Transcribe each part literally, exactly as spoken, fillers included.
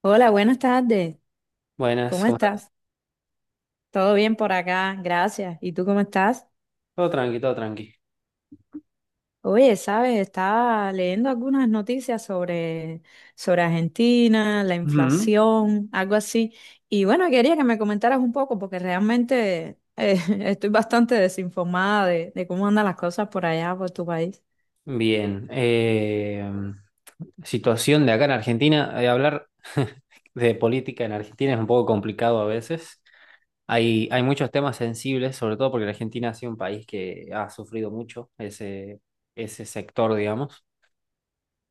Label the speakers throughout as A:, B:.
A: Hola, buenas tardes.
B: Buenas,
A: ¿Cómo
B: ¿cómo estás?
A: estás? ¿Todo bien por acá? Gracias. ¿Y tú cómo estás?
B: Todo tranqui, todo tranqui.
A: Oye, sabes, estaba leyendo algunas noticias sobre, sobre Argentina, la
B: Ujú.
A: inflación, algo así. Y bueno, quería que me comentaras un poco porque realmente eh, estoy bastante desinformada de, de cómo andan las cosas por allá, por tu país.
B: Bien. Eh, situación de acá en Argentina. Eh, hablar de política en Argentina es un poco complicado a veces. Hay, hay muchos temas sensibles, sobre todo porque la Argentina ha sido un país que ha sufrido mucho ese, ese sector, digamos.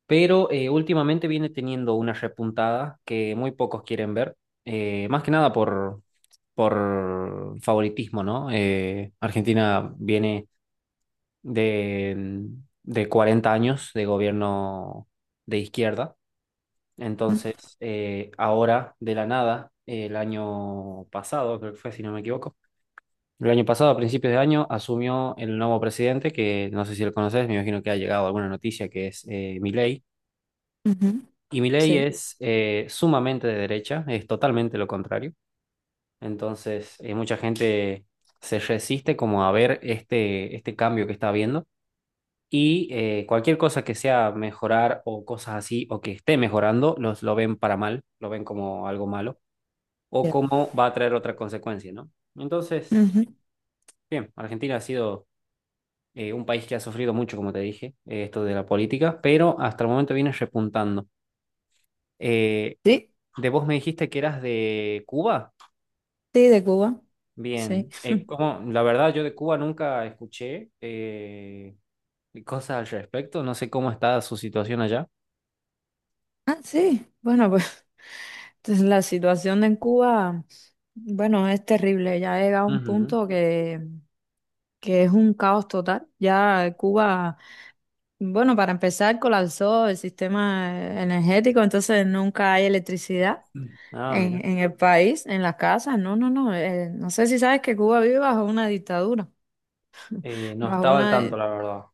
B: Pero eh, últimamente viene teniendo una repuntada que muy pocos quieren ver, eh, más que nada por, por favoritismo, ¿no? Eh, Argentina viene... de, de cuarenta años de gobierno de izquierda. Entonces, eh, ahora, de la nada, el año pasado, creo que fue, si no me equivoco, el año pasado, a principios de año, asumió el nuevo presidente, que no sé si lo conoces, me imagino que ha llegado alguna noticia, que es eh, Milei.
A: Ujú.
B: Y Milei
A: Sí.
B: es eh, sumamente de derecha, es totalmente lo contrario. Entonces, eh, mucha gente se resiste como a ver este, este cambio que está habiendo. Y eh, cualquier cosa que sea mejorar o cosas así, o que esté mejorando, los, lo ven para mal, lo ven como algo malo, o
A: Ya.
B: como va a traer otra consecuencia, ¿no? Entonces,
A: Ujú.
B: bien, Argentina ha sido eh, un país que ha sufrido mucho, como te dije, eh, esto de la política, pero hasta el momento viene repuntando. Eh,
A: Sí,
B: de vos me dijiste que eras de Cuba.
A: sí, de Cuba. Sí.
B: Bien, eh, como, la verdad yo de Cuba nunca escuché eh, cosas al respecto, no sé cómo está su situación allá.
A: Ah, sí. Bueno, pues. Entonces, la situación en Cuba, bueno, es terrible. Ya ha llegado a un
B: Ujú.
A: punto que, que es un caos total. Ya Cuba, bueno, para empezar, colapsó el sistema energético, entonces nunca hay electricidad
B: Ah, mira.
A: en, en el país, en las casas. No, no, no. Eh, no sé si sabes que Cuba vive bajo una dictadura,
B: Eh, no
A: bajo
B: estaba al
A: una.
B: tanto, la verdad,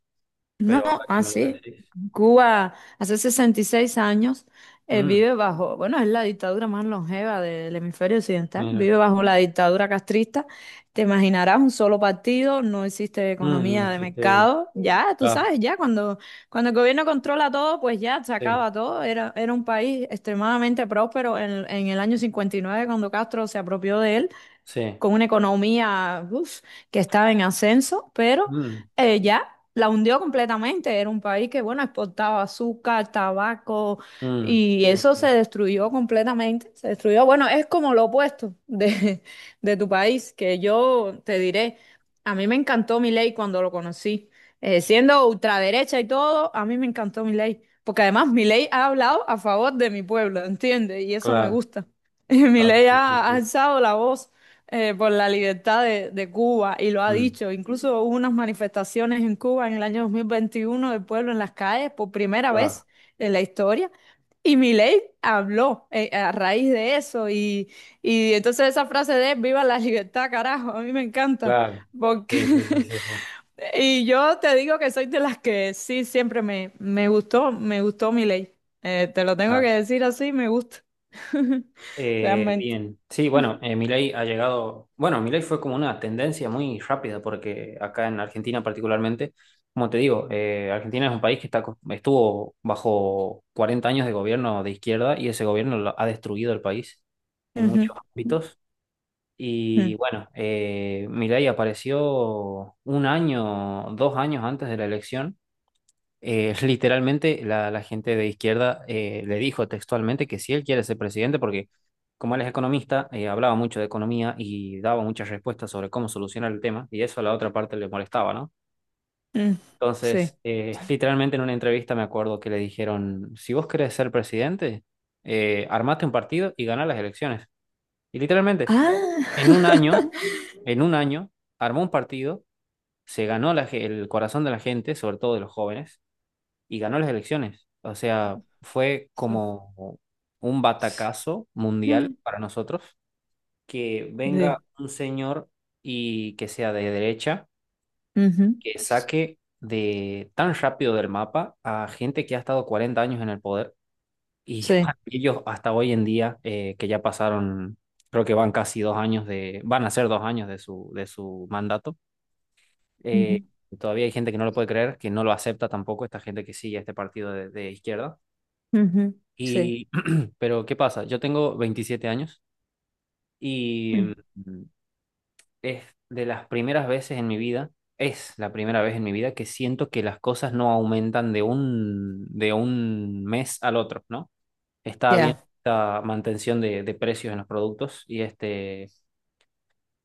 A: No,
B: pero ahora que me lo
A: así.
B: decís.
A: Cuba hace sesenta y seis años eh,
B: Mm,
A: vive bajo, bueno, es la dictadura más longeva del hemisferio occidental,
B: mira.
A: vive bajo la dictadura castrista. Te imaginarás un solo partido, no existe
B: Mm, no
A: economía de
B: existe.
A: mercado. Ya, tú
B: Claro,
A: sabes, ya cuando, cuando el gobierno controla todo, pues ya se
B: sí,
A: acaba todo. Era, era un país extremadamente próspero en, en el año cincuenta y nueve cuando Castro se apropió de él
B: sí.
A: con una economía, uf, que estaba en ascenso, pero
B: Mm,
A: eh, ya la hundió completamente. Era un país que, bueno, exportaba azúcar, tabaco,
B: mm,
A: y
B: sí,
A: eso se
B: sí.
A: destruyó completamente. Se destruyó, bueno, es como lo opuesto de, de tu país, que yo te diré, a mí me encantó Milei cuando lo conocí. Eh, siendo ultraderecha y todo, a mí me encantó Milei. Porque además Milei ha hablado a favor de mi pueblo, ¿entiendes? Y eso me
B: Claro,
A: gusta.
B: claro,
A: Milei
B: sí, sí,
A: ha ha
B: sí.
A: alzado la voz eh, por la libertad de, de Cuba y lo ha
B: Mm,
A: dicho. Incluso hubo unas manifestaciones en Cuba en el año dos mil veintiuno del pueblo en las calles por primera
B: claro,
A: vez en la historia. Y Milei habló eh, a raíz de eso y, y entonces esa frase de viva la libertad, carajo, a mí me encanta.
B: claro.
A: Porque
B: Sí, sí, sí, sí, sí.
A: y yo te digo que soy de las que sí siempre me, me gustó, me gustó Milei. Eh, te lo tengo que
B: Claro.
A: decir así, me gusta.
B: Eh,
A: Realmente.
B: bien, sí, bueno, eh, Milei ha llegado, bueno, Milei fue como una tendencia muy rápida porque acá en Argentina particularmente, como te digo, eh, Argentina es un país que está, co- estuvo bajo cuarenta años de gobierno de izquierda y ese gobierno lo- ha destruido el país en
A: Ujú.
B: muchos ámbitos.
A: Ujú.
B: Y bueno, eh, Milei apareció un año, dos años antes de la elección eh, literalmente la, la gente de izquierda eh, le dijo textualmente que si él quiere ser presidente, porque como él es economista, eh, hablaba mucho de economía y daba muchas respuestas sobre cómo solucionar el tema, y eso a la otra parte le molestaba, ¿no?
A: Mm, sí.
B: Entonces, eh, literalmente en una entrevista me acuerdo que le dijeron, si vos querés ser presidente, eh, armate un partido y ganá las elecciones. Y literalmente,
A: Ah,
B: en un año, en un año, armó un partido, se ganó la ge- el corazón de la gente, sobre todo de los jóvenes y ganó las elecciones. O sea, fue
A: sí.
B: como un batacazo mundial
A: Mm.
B: para nosotros que venga
A: Sí.
B: un señor y que sea de derecha,
A: Ujú,
B: que saque de tan rápido del mapa a gente que ha estado cuarenta años en el poder y
A: sí.
B: para ellos hasta hoy en día eh, que ya pasaron, creo que van casi dos años de, van a ser dos años de su, de su mandato. eh,
A: Ujú,
B: Todavía hay gente que no lo puede creer, que no lo acepta tampoco, esta gente que sigue a este partido de de izquierda.
A: ujú, sí.
B: Y, pero, ¿qué pasa? Yo tengo veintisiete años y
A: Mm,
B: mm, es de las primeras veces en mi vida, es la primera vez en mi vida que siento que las cosas no aumentan de un, de un mes al otro, ¿no? Está habiendo
A: ya.
B: esta mantención de, de precios en los productos y este,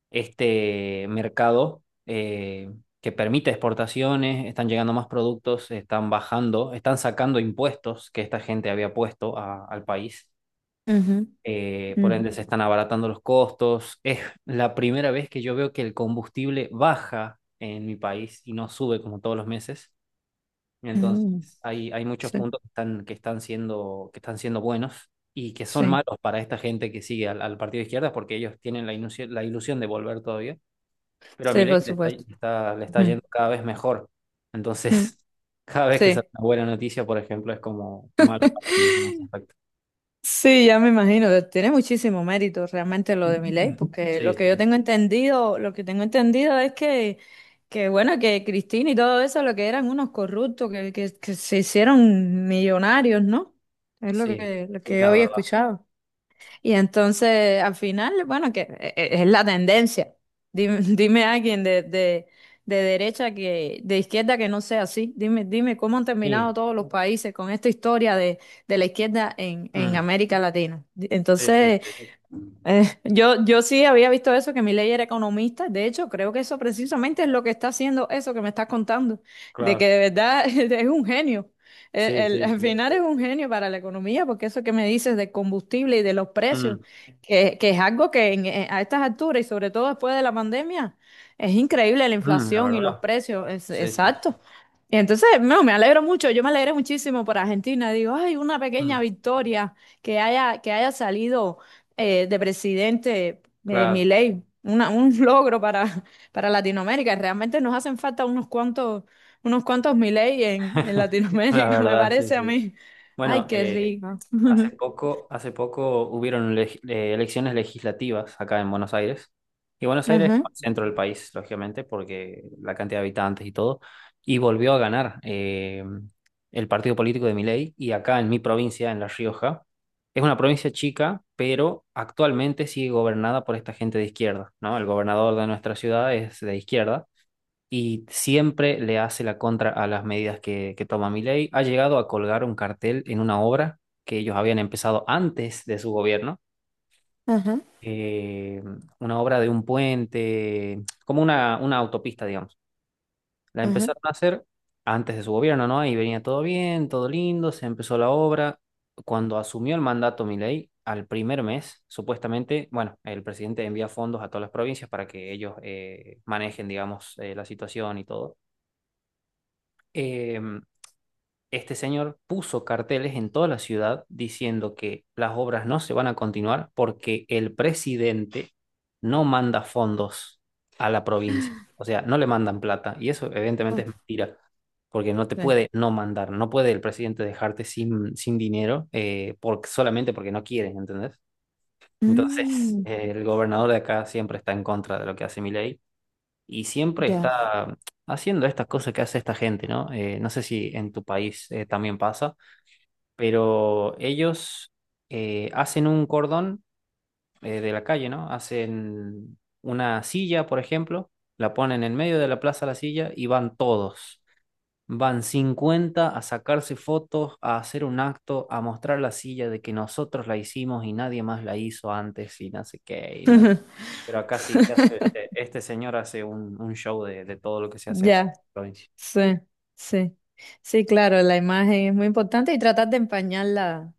B: este mercado eh, que permite exportaciones, están llegando más productos, están bajando, están sacando impuestos que esta gente había puesto a- al país.
A: Ujú,
B: Eh, por
A: ujú,
B: ende se están abaratando los costos. Es la primera vez que yo veo que el combustible baja en mi país y no sube como todos los meses. Entonces
A: mm,
B: hay, hay muchos
A: sí.
B: puntos que están, que están siendo, que están siendo buenos y que son
A: Sí.
B: malos para esta gente que sigue al, al partido de izquierda porque ellos tienen la ilusión, la ilusión de volver todavía. Pero a
A: Sí,
B: Milei
A: por
B: le está,
A: supuesto.
B: le está, le está
A: Ujú,
B: yendo cada vez mejor.
A: mm,
B: Entonces, cada vez que sale
A: sí.
B: una buena noticia, por ejemplo, es como malo para ellos en ese aspecto.
A: Sí, ya me imagino, tiene muchísimo mérito realmente lo de Milei, porque lo
B: Sí,
A: que yo
B: sí,
A: tengo entendido, lo que tengo entendido es que, que bueno, que Cristina y todo eso, lo que eran unos corruptos, que, que, que se hicieron millonarios, ¿no? Es lo
B: sí,
A: que, lo que yo
B: la
A: había
B: verdad.
A: escuchado. Y entonces, al final, bueno, que e- e- es la tendencia. Dime, dime a alguien de, de, de derecha que, de izquierda que no sea así. Dime, dime cómo han terminado
B: Sí,
A: todos los países con esta historia de, de la izquierda en, en
B: mm,
A: América Latina.
B: sí, sí,
A: Entonces,
B: sí,
A: eh, yo, yo sí había visto eso, que Milei era economista. De hecho, creo que eso precisamente es lo que está haciendo eso que me estás contando, de
B: claro,
A: que de verdad es un genio. El-
B: sí,
A: el-
B: sí,
A: al
B: sí,
A: final es un genio para la economía, porque eso que me dices del combustible y de los precios,
B: mm,
A: que, que es algo que en- eh, a estas alturas y sobre todo después de la pandemia, es increíble la
B: mm, la
A: inflación y los
B: verdad,
A: precios. Es,
B: sí, sí, sí,
A: exacto. Y entonces, no, me alegro mucho, yo me alegro muchísimo por Argentina. Digo, ay, una pequeña
B: mm,
A: victoria que haya, que haya salido eh, de presidente eh, mi
B: claro,
A: Milei, una, un logro para, para Latinoamérica. Realmente nos hacen falta unos cuantos, unos cuantos Milei en, en
B: la
A: Latinoamérica, me
B: verdad, sí,
A: parece a
B: sí.
A: mí. Ay,
B: Bueno,
A: qué
B: eh,
A: rico.
B: hace poco, hace poco hubieron leg- eh, elecciones legislativas acá en Buenos Aires. Y Buenos Aires es
A: Ajá,
B: el centro del país, lógicamente, porque la cantidad de habitantes y todo. Y volvió a ganar eh, el partido político de Milei. Y acá en mi provincia, en La Rioja, es una provincia chica, pero actualmente sigue gobernada por esta gente de izquierda, ¿no? El gobernador de nuestra ciudad es de izquierda y siempre le hace la contra a las medidas que, que toma Milei. Ha llegado a colgar un cartel en una obra que ellos habían empezado antes de su gobierno,
A: ajá,
B: eh, una obra de un puente, como una, una autopista, digamos. La
A: ajá.
B: empezaron a hacer antes de su gobierno, ¿no? Ahí venía todo bien, todo lindo, se empezó la obra. Cuando asumió el mandato Milei, al primer mes, supuestamente, bueno, el presidente envía fondos a todas las provincias para que ellos eh, manejen, digamos, eh, la situación y todo. Em, este señor puso carteles en toda la ciudad diciendo que las obras no se van a continuar porque el presidente no manda fondos a la provincia. O sea, no le mandan plata. Y eso evidentemente
A: Oh,
B: es mentira, porque no te
A: sí.
B: puede no mandar. No puede el presidente dejarte sin, sin dinero eh, por- solamente porque no quiere, ¿entendés? Entonces,
A: Mm,
B: eh, el gobernador de acá siempre está en contra de lo que hace Milei y siempre
A: ya,
B: está haciendo estas cosas que hace esta gente, ¿no? Eh, no sé si en tu país eh, también pasa, pero ellos eh, hacen un cordón eh, de la calle, ¿no? Hacen una silla, por ejemplo, la ponen en medio de la plaza la silla y van todos. Van cincuenta a sacarse fotos, a hacer un acto, a mostrar la silla de que nosotros la hicimos y nadie más la hizo antes y no sé qué. Y nada. Pero acá sí, se hace, este, este señor hace un, un show de, de todo lo que se hace acá en
A: ya,
B: la provincia.
A: sí, sí. Sí, claro, la imagen es muy importante y tratar de empañarla.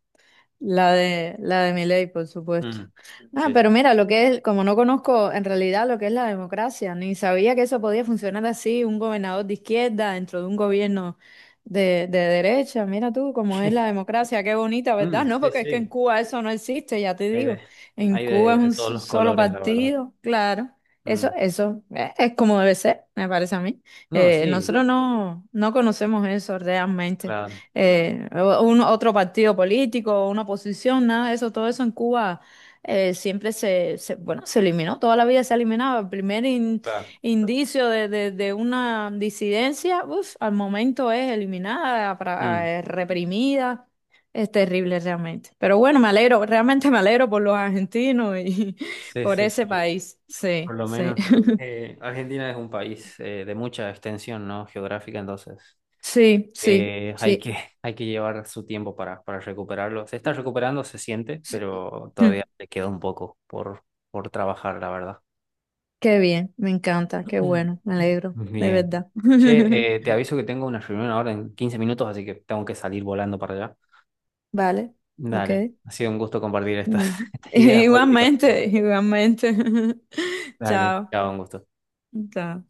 A: La de, la de Milei, por supuesto.
B: Mm.
A: Ah,
B: Sí.
A: pero mira, lo que es, como no conozco en realidad lo que es la democracia, ni sabía que eso podía funcionar así, un gobernador de izquierda dentro de un gobierno de, de derecha. Mira tú cómo es la democracia, qué bonita, ¿verdad?
B: Mm,
A: No,
B: sí,
A: porque es que en
B: sí.
A: Cuba eso no existe, ya te
B: Hay de,
A: digo. En
B: hay
A: Cuba
B: de,
A: es un
B: de todos
A: s-
B: los
A: solo
B: colores, la verdad.
A: partido, claro. Eso,
B: Mm.
A: eso eh, es como debe ser, me parece a mí.
B: No,
A: Eh,
B: sí,
A: nosotros no, no conocemos eso realmente
B: claro,
A: eh, un, otro partido político, una posición, nada de eso, todo eso en Cuba eh, siempre se, se- bueno, se eliminó, toda la vida se eliminaba. El primer in-
B: claro.
A: indicio de, de- de una disidencia, uf, al momento es eliminada, pra-
B: Mm.
A: eh, reprimida. Es terrible realmente. Pero bueno, me alegro, realmente me alegro por los argentinos y
B: Sí,
A: por
B: sí,
A: ese
B: sí.
A: país.
B: Por
A: Sí,
B: lo
A: sí.
B: menos eh, Argentina es un país eh, de mucha extensión, ¿no? Geográfica, entonces
A: Sí, sí,
B: eh, hay
A: sí.
B: que, hay que llevar su tiempo para, para recuperarlo. Se está recuperando, se siente,
A: Sí.
B: pero todavía le queda un poco por, por trabajar, la verdad.
A: Qué bien, me encanta, qué bueno, me alegro,
B: Mm.
A: de
B: Bien.
A: verdad.
B: Che, eh, te aviso que tengo una reunión ahora en quince minutos, así que tengo que salir volando para allá.
A: Vale, ok.
B: Dale, ha sido un gusto compartir estas, estas ideas políticas con vos.
A: Igualmente, igualmente.
B: Dale,
A: Chao.
B: chao, un gusto.
A: Chao.